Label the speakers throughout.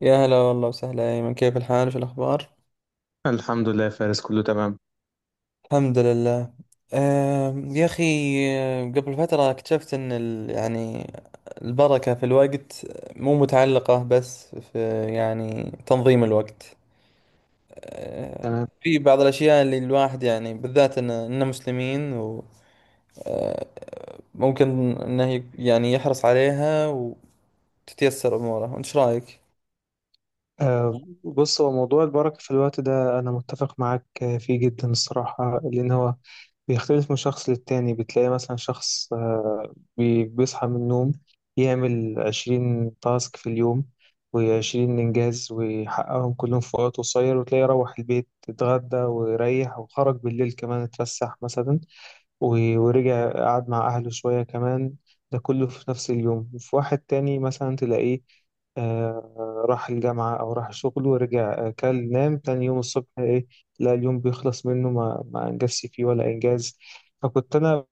Speaker 1: يا هلا والله وسهلا يا أيمن، كيف الحال؟ شو الأخبار؟
Speaker 2: الحمد لله يا فارس كله تمام.
Speaker 1: الحمد لله. يا أخي، قبل فترة اكتشفت أن يعني البركة في الوقت مو متعلقة بس في يعني تنظيم الوقت. آه،
Speaker 2: تمام
Speaker 1: في بعض الأشياء اللي الواحد يعني بالذات إننا مسلمين وممكن إنه يعني يحرص عليها وتتيسر أموره. وإنت شو رأيك؟
Speaker 2: بص هو موضوع البركة في الوقت ده أنا متفق معاك، فيه جدا الصراحة، لأن هو بيختلف من شخص للتاني. بتلاقي مثلا شخص بيصحى من النوم، يعمل 20 تاسك في اليوم و20 إنجاز ويحققهم كلهم في وقت قصير، وتلاقيه يروح البيت اتغدى ويريح وخرج بالليل كمان اتفسح مثلا، ورجع قعد مع أهله شوية كمان. ده كله في نفس اليوم. وفي واحد تاني مثلا تلاقيه راح الجامعة أو راح شغله ورجع، كل نام تاني يوم الصبح. إيه؟ لا، اليوم بيخلص منه ما أنجزش فيه ولا إنجاز. فكنت أنا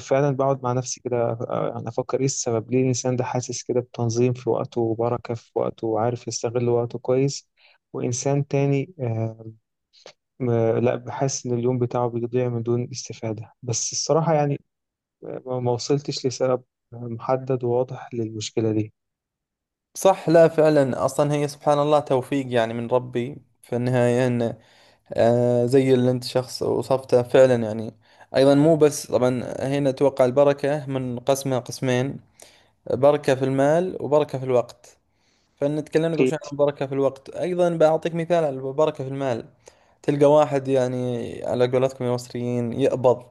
Speaker 2: فعلا بقعد مع نفسي كده، يعني أفكر إيه السبب، ليه الإنسان ده حاسس كده بتنظيم في وقته وبركة في وقته وعارف يستغل وقته كويس، وإنسان تاني م- لا، بحس إن اليوم بتاعه بيضيع من دون استفادة. بس الصراحة يعني ما وصلتش لسبب محدد وواضح للمشكلة دي.
Speaker 1: صح، لا فعلا، أصلا هي سبحان الله توفيق يعني من ربي في النهاية. إنه آه زي اللي انت شخص وصفته فعلا، يعني ايضا مو بس. طبعا هنا توقع البركة من قسمها قسمين، بركة في المال وبركة في الوقت. فان تكلمنا قبل
Speaker 2: أكيد.
Speaker 1: شوي عن البركه في الوقت، ايضا بعطيك مثال على البركه في المال. تلقى واحد يعني على قولتكم يا مصريين يقبض،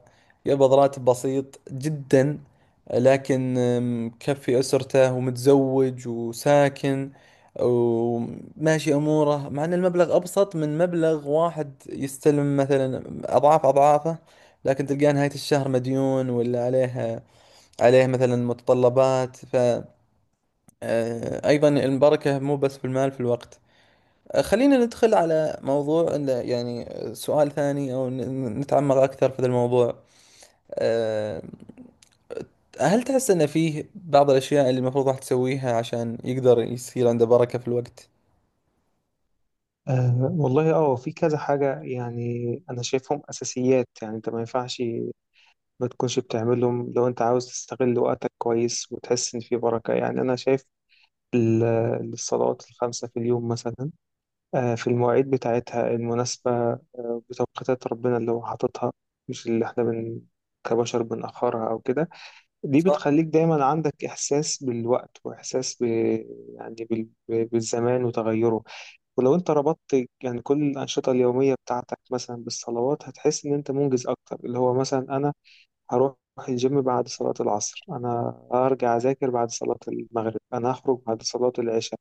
Speaker 1: يقبض راتب بسيط جدا، لكن مكفي اسرته ومتزوج وساكن وماشي اموره، مع ان المبلغ ابسط من مبلغ واحد يستلم مثلا اضعاف اضعافه، لكن تلقاه نهايه الشهر مديون ولا عليه، عليه مثلا متطلبات. ف أيضا المبركة مو بس بالمال، في الوقت. خلينا ندخل على موضوع إنه يعني سؤال ثاني، أو نتعمق أكثر في هذا الموضوع. آه، هل تحس أن فيه بعض الأشياء اللي المفروض راح تسويها عشان يقدر يصير عنده بركة في الوقت؟
Speaker 2: والله في كذا حاجة يعني أنا شايفهم أساسيات، يعني أنت ما تكونش بتعملهم لو أنت عاوز تستغل وقتك كويس وتحس إن في بركة. يعني أنا شايف ال- الصلوات الخمسة في اليوم مثلا، أه في المواعيد بتاعتها المناسبة، أه بتوقيتات ربنا اللي هو حاططها، مش اللي إحنا كبشر بنأخرها أو كده. دي
Speaker 1: صح.
Speaker 2: بتخليك دايما عندك إحساس بالوقت وإحساس ب... يعني بال... ب- بالزمان وتغيره. ولو أنت ربطت يعني كل الأنشطة اليومية بتاعتك مثلا بالصلوات، هتحس إن أنت منجز أكتر. اللي هو مثلا أنا هروح الجيم بعد صلاة العصر، أنا هرجع أذاكر بعد صلاة المغرب، أنا هخرج بعد صلاة العشاء.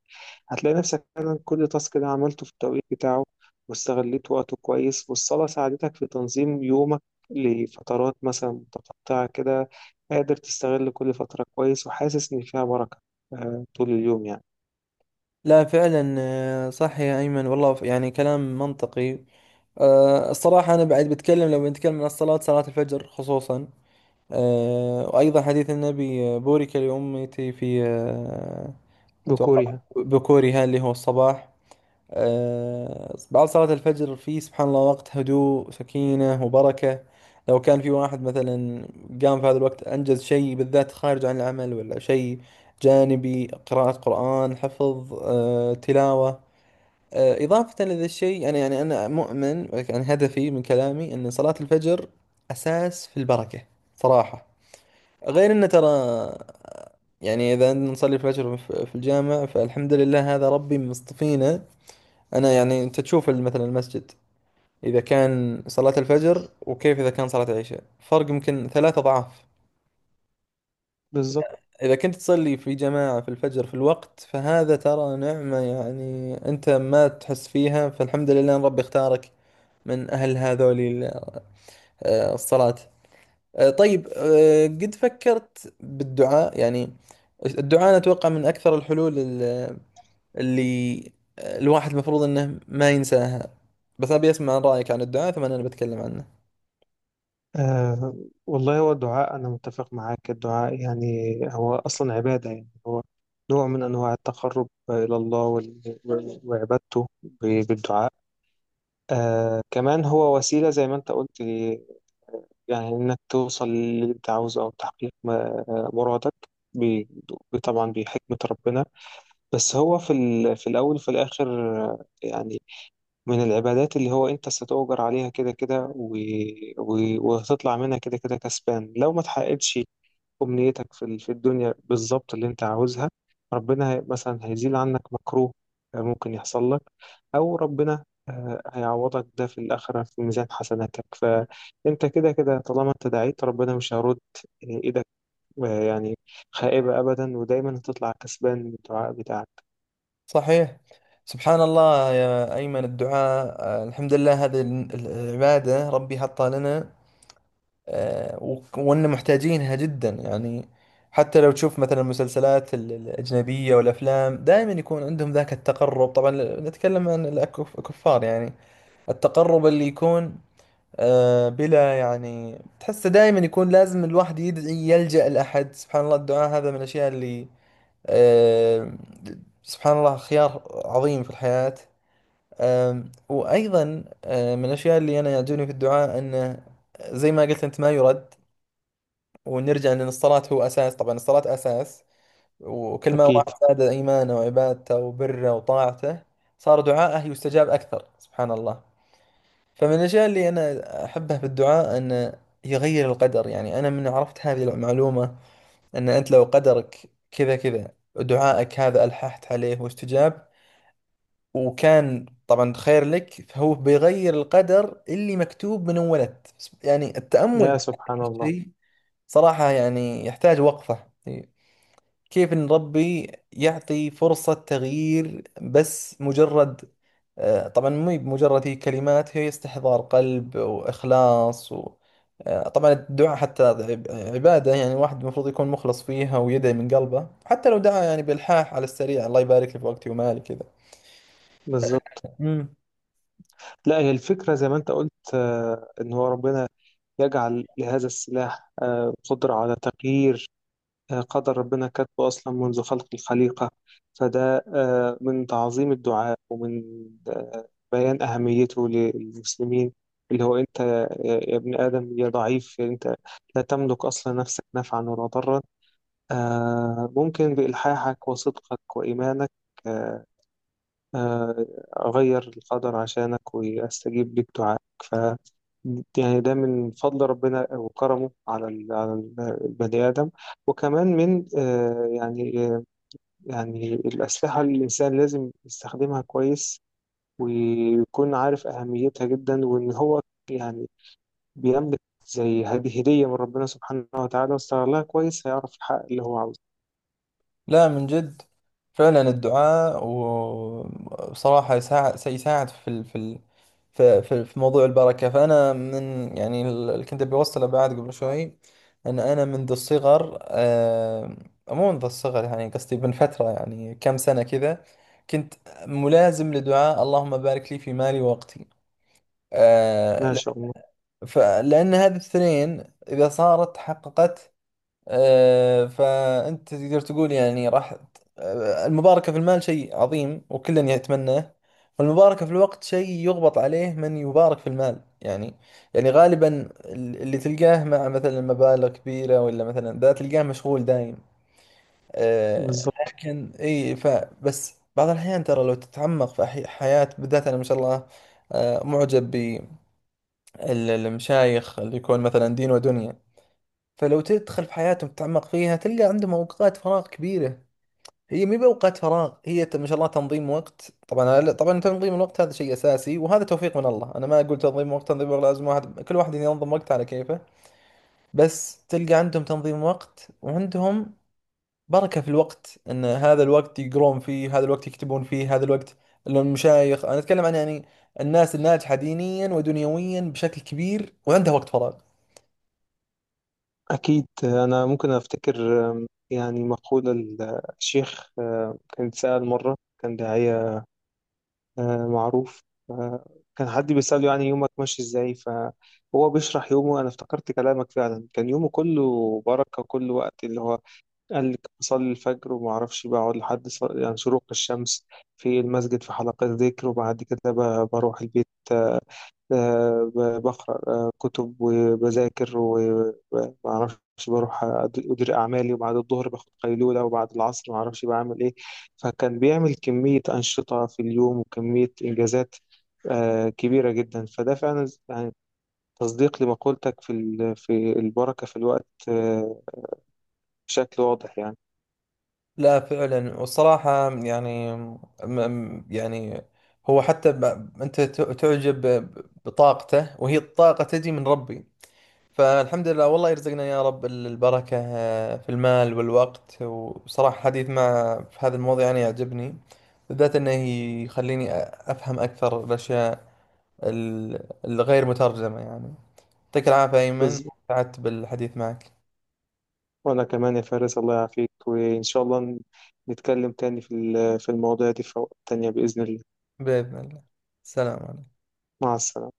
Speaker 2: هتلاقي نفسك فعلا كل تاسك ده عملته في التوقيت بتاعه واستغليت وقته كويس، والصلاة ساعدتك في تنظيم يومك لفترات مثلا متقطعة كده، قادر تستغل كل فترة كويس وحاسس إن فيها بركة طول اليوم يعني.
Speaker 1: لا فعلا، صح يا أيمن والله، يعني كلام منطقي. الصراحة أنا بعد بتكلم، لو بنتكلم عن الصلاة، صلاة الفجر خصوصا، وأيضا حديث النبي بورك لأمتي في أتوقع
Speaker 2: بكورها.
Speaker 1: بكورها اللي هو الصباح. بعد صلاة الفجر في سبحان الله وقت هدوء، سكينة وبركة. لو كان في واحد مثلا قام في هذا الوقت أنجز شيء، بالذات خارج عن العمل، ولا شيء جانبي، قراءة قرآن، حفظ، تلاوة. إضافة لذا الشيء، أنا يعني أنا مؤمن، يعني هدفي من كلامي أن صلاة الفجر أساس في البركة صراحة. غير انه ترى يعني اذا نصلي الفجر في الجامع، فالحمد لله هذا ربي مصطفينا. انا يعني انت تشوف مثلا المسجد اذا كان صلاة الفجر، وكيف اذا كان صلاة العشاء، فرق يمكن ثلاثة اضعاف.
Speaker 2: بالظبط.
Speaker 1: اذا كنت تصلي في جماعة في الفجر في الوقت، فهذا ترى نعمة يعني انت ما تحس فيها. فالحمد لله ان ربي اختارك من اهل هذول الصلاة. طيب، قد فكرت بالدعاء؟ يعني الدعاء أنا أتوقع من أكثر الحلول اللي الواحد المفروض انه ما ينساها، بس ابي اسمع رايك عن الدعاء، ثم انا بتكلم عنه.
Speaker 2: آه والله، هو الدعاء أنا متفق معاك. الدعاء يعني هو أصلا عبادة، يعني هو نوع من أنواع التقرب إلى الله، وعبادته بالدعاء. آه كمان هو وسيلة زي ما أنت قلت، يعني إنك توصل للي أنت عاوزه أو تحقيق مرادك، بي- طبعا بحكمة ربنا. بس هو في في الأول وفي الآخر يعني من العبادات اللي هو أنت ستؤجر عليها كده كده، وهتطلع منها كده كده كسبان لو ما تحققتش أمنيتك في في الدنيا بالظبط اللي أنت عاوزها. ربنا مثلا هيزيل عنك مكروه ممكن يحصل لك، أو ربنا هيعوضك ده في الآخرة في ميزان حسناتك. فأنت كده كده طالما أنت دعيت ربنا مش هيرد إيدك آه، يعني خائبة أبدا، ودايما هتطلع كسبان من الدعاء بتاعك.
Speaker 1: صحيح. سبحان الله يا ايمن، الدعاء الحمد لله هذه العباده ربي حطها لنا، وان محتاجينها جدا يعني. حتى لو تشوف مثلا المسلسلات الاجنبيه والافلام، دائما يكون عندهم ذاك التقرب. طبعا نتكلم عن الكفار يعني. التقرب اللي يكون بلا، يعني تحس دائما يكون لازم الواحد يدعي يلجأ لأحد. سبحان الله، الدعاء هذا من الأشياء اللي آه، سبحان الله، خيار عظيم في الحياة. وأيضا من الأشياء اللي أنا يعجبني في الدعاء أنه زي ما قلت أنت ما يرد. ونرجع لأن الصلاة هو أساس، طبعا الصلاة أساس، وكل ما
Speaker 2: أكيد.
Speaker 1: واحد زاد إيمانه وعبادته وبره وطاعته صار دعاءه يستجاب أكثر سبحان الله. فمن الأشياء اللي أنا أحبها في الدعاء أن يغير القدر. يعني أنا من عرفت هذه المعلومة، أن أنت لو قدرك كذا كذا دعائك هذا ألححت عليه واستجاب، وكان طبعا خير لك، فهو بيغير القدر اللي مكتوب من أول ولد. يعني التأمل
Speaker 2: يا
Speaker 1: في هذا
Speaker 2: سبحان الله.
Speaker 1: الشيء صراحة يعني يحتاج وقفة، كيف إن ربي يعطي فرصة تغيير بس مجرد، طبعا مو بمجرد، هي كلمات، هي استحضار قلب وإخلاص و... طبعا الدعاء حتى عبادة، يعني الواحد المفروض يكون مخلص فيها ويدعي من قلبه، حتى لو دعا يعني بإلحاح على السريع، الله يبارك لي في وقتي ومالي
Speaker 2: بالظبط.
Speaker 1: كذا.
Speaker 2: لا، هي الفكرة زي ما أنت قلت، إن هو ربنا يجعل لهذا السلاح قدرة على تغيير قدر ربنا كاتبه أصلا منذ خلق الخليقة. فده من تعظيم الدعاء ومن بيان أهميته للمسلمين. اللي هو أنت يا ابن آدم يا ضعيف يعني أنت لا تملك أصلا نفسك نفعا ولا ضرا، ممكن بإلحاحك وصدقك وإيمانك آه، آه، أغير القدر عشانك وأستجيب للدعاء. يعني ده من فضل ربنا وكرمه على البني آدم. وكمان من الأسلحة اللي الإنسان لازم يستخدمها كويس، ويكون عارف أهميتها جدا، وإن هو يعني بيملك زي هذه هدية من ربنا سبحانه وتعالى. واستغلها كويس هيعرف الحق اللي هو عاوزه.
Speaker 1: لا من جد، فعلا الدعاء وبصراحة يساعد، سيساعد في ال... في ال... في في في موضوع البركة. فأنا من يعني اللي كنت بوصله بعد قبل شوي، أن أنا منذ الصغر مو منذ الصغر، يعني قصدي من فترة، يعني كم سنة كذا، كنت ملازم لدعاء اللهم بارك لي في مالي ووقتي. آه،
Speaker 2: ما
Speaker 1: ل-
Speaker 2: شاء الله.
Speaker 1: لأن هذه الاثنين إذا صارت تحققت، فأنت تقدر تقول يعني راح، المباركة في المال شيء عظيم وكلا يتمناه، والمباركة في الوقت شيء يغبط عليه من يبارك في المال. يعني يعني غالبا اللي تلقاه مع مثلا مبالغ كبيرة، ولا مثلا ذا تلقاه مشغول دايم. آه،
Speaker 2: بالظبط.
Speaker 1: لكن اي، فبس بعض الأحيان ترى لو تتعمق في حياة، بالذات أنا ما شاء الله معجب بالمشايخ اللي يكون مثلا دين ودنيا. فلو تدخل في حياتهم تتعمق فيها، تلقى عندهم اوقات فراغ كبيره. هي مي باوقات فراغ، هي ما شاء الله تنظيم وقت. طبعا طبعا تنظيم الوقت هذا شيء اساسي، وهذا توفيق من الله. انا ما اقول تنظيم وقت، تنظيم وقت لازم واحد، كل واحد ينظم وقته على كيفه، بس تلقى عندهم تنظيم وقت وعندهم بركه في الوقت. ان هذا الوقت يقرون فيه، هذا الوقت يكتبون فيه، هذا الوقت المشايخ، انا اتكلم عن يعني الناس الناجحه دينيا ودنيويا بشكل كبير وعندها وقت فراغ.
Speaker 2: أكيد أنا ممكن أفتكر يعني مقولة الشيخ، كان سأل مرة، كان داعية معروف. آه، كان حد بيسأله يعني يومك ماشي ازاي، فهو بيشرح يومه. انا افتكرت كلامك، فعلا كان يومه كله بركة. كل وقت اللي هو قال لك أصلي الفجر وما أعرفش بقعد لحد يعني شروق الشمس في المسجد في حلقة ذكر، وبعد كده بروح البيت، آه، بقرأ كتب وبذاكر وما أعرفش، بروح أدير أعمالي، وبعد الظهر باخد قيلولة، وبعد العصر ما أعرفش بعمل إيه. فكان بيعمل كمية أنشطة في اليوم وكمية إنجازات كبيرة جدا. فده فعلا يعني تصديق لمقولتك في في البركة في الوقت بشكل واضح يعني.
Speaker 1: لا فعلا، والصراحة يعني يعني هو حتى ب... أنت تعجب بطاقته، وهي الطاقة تجي من ربي. فالحمد لله، والله يرزقنا يا رب البركة في المال والوقت. وصراحة الحديث مع في هذا الموضوع يعني يعجبني، بالذات أنه يخليني أفهم أكثر الأشياء الغير مترجمة يعني. يعطيك العافية أيمن، سعدت بالحديث معك.
Speaker 2: وأنا كمان يا فارس الله يعافيك، وإن شاء الله نتكلم تاني في في المواضيع دي في وقت تانية بإذن الله.
Speaker 1: بإذن الله. السلام عليكم.
Speaker 2: مع السلامة.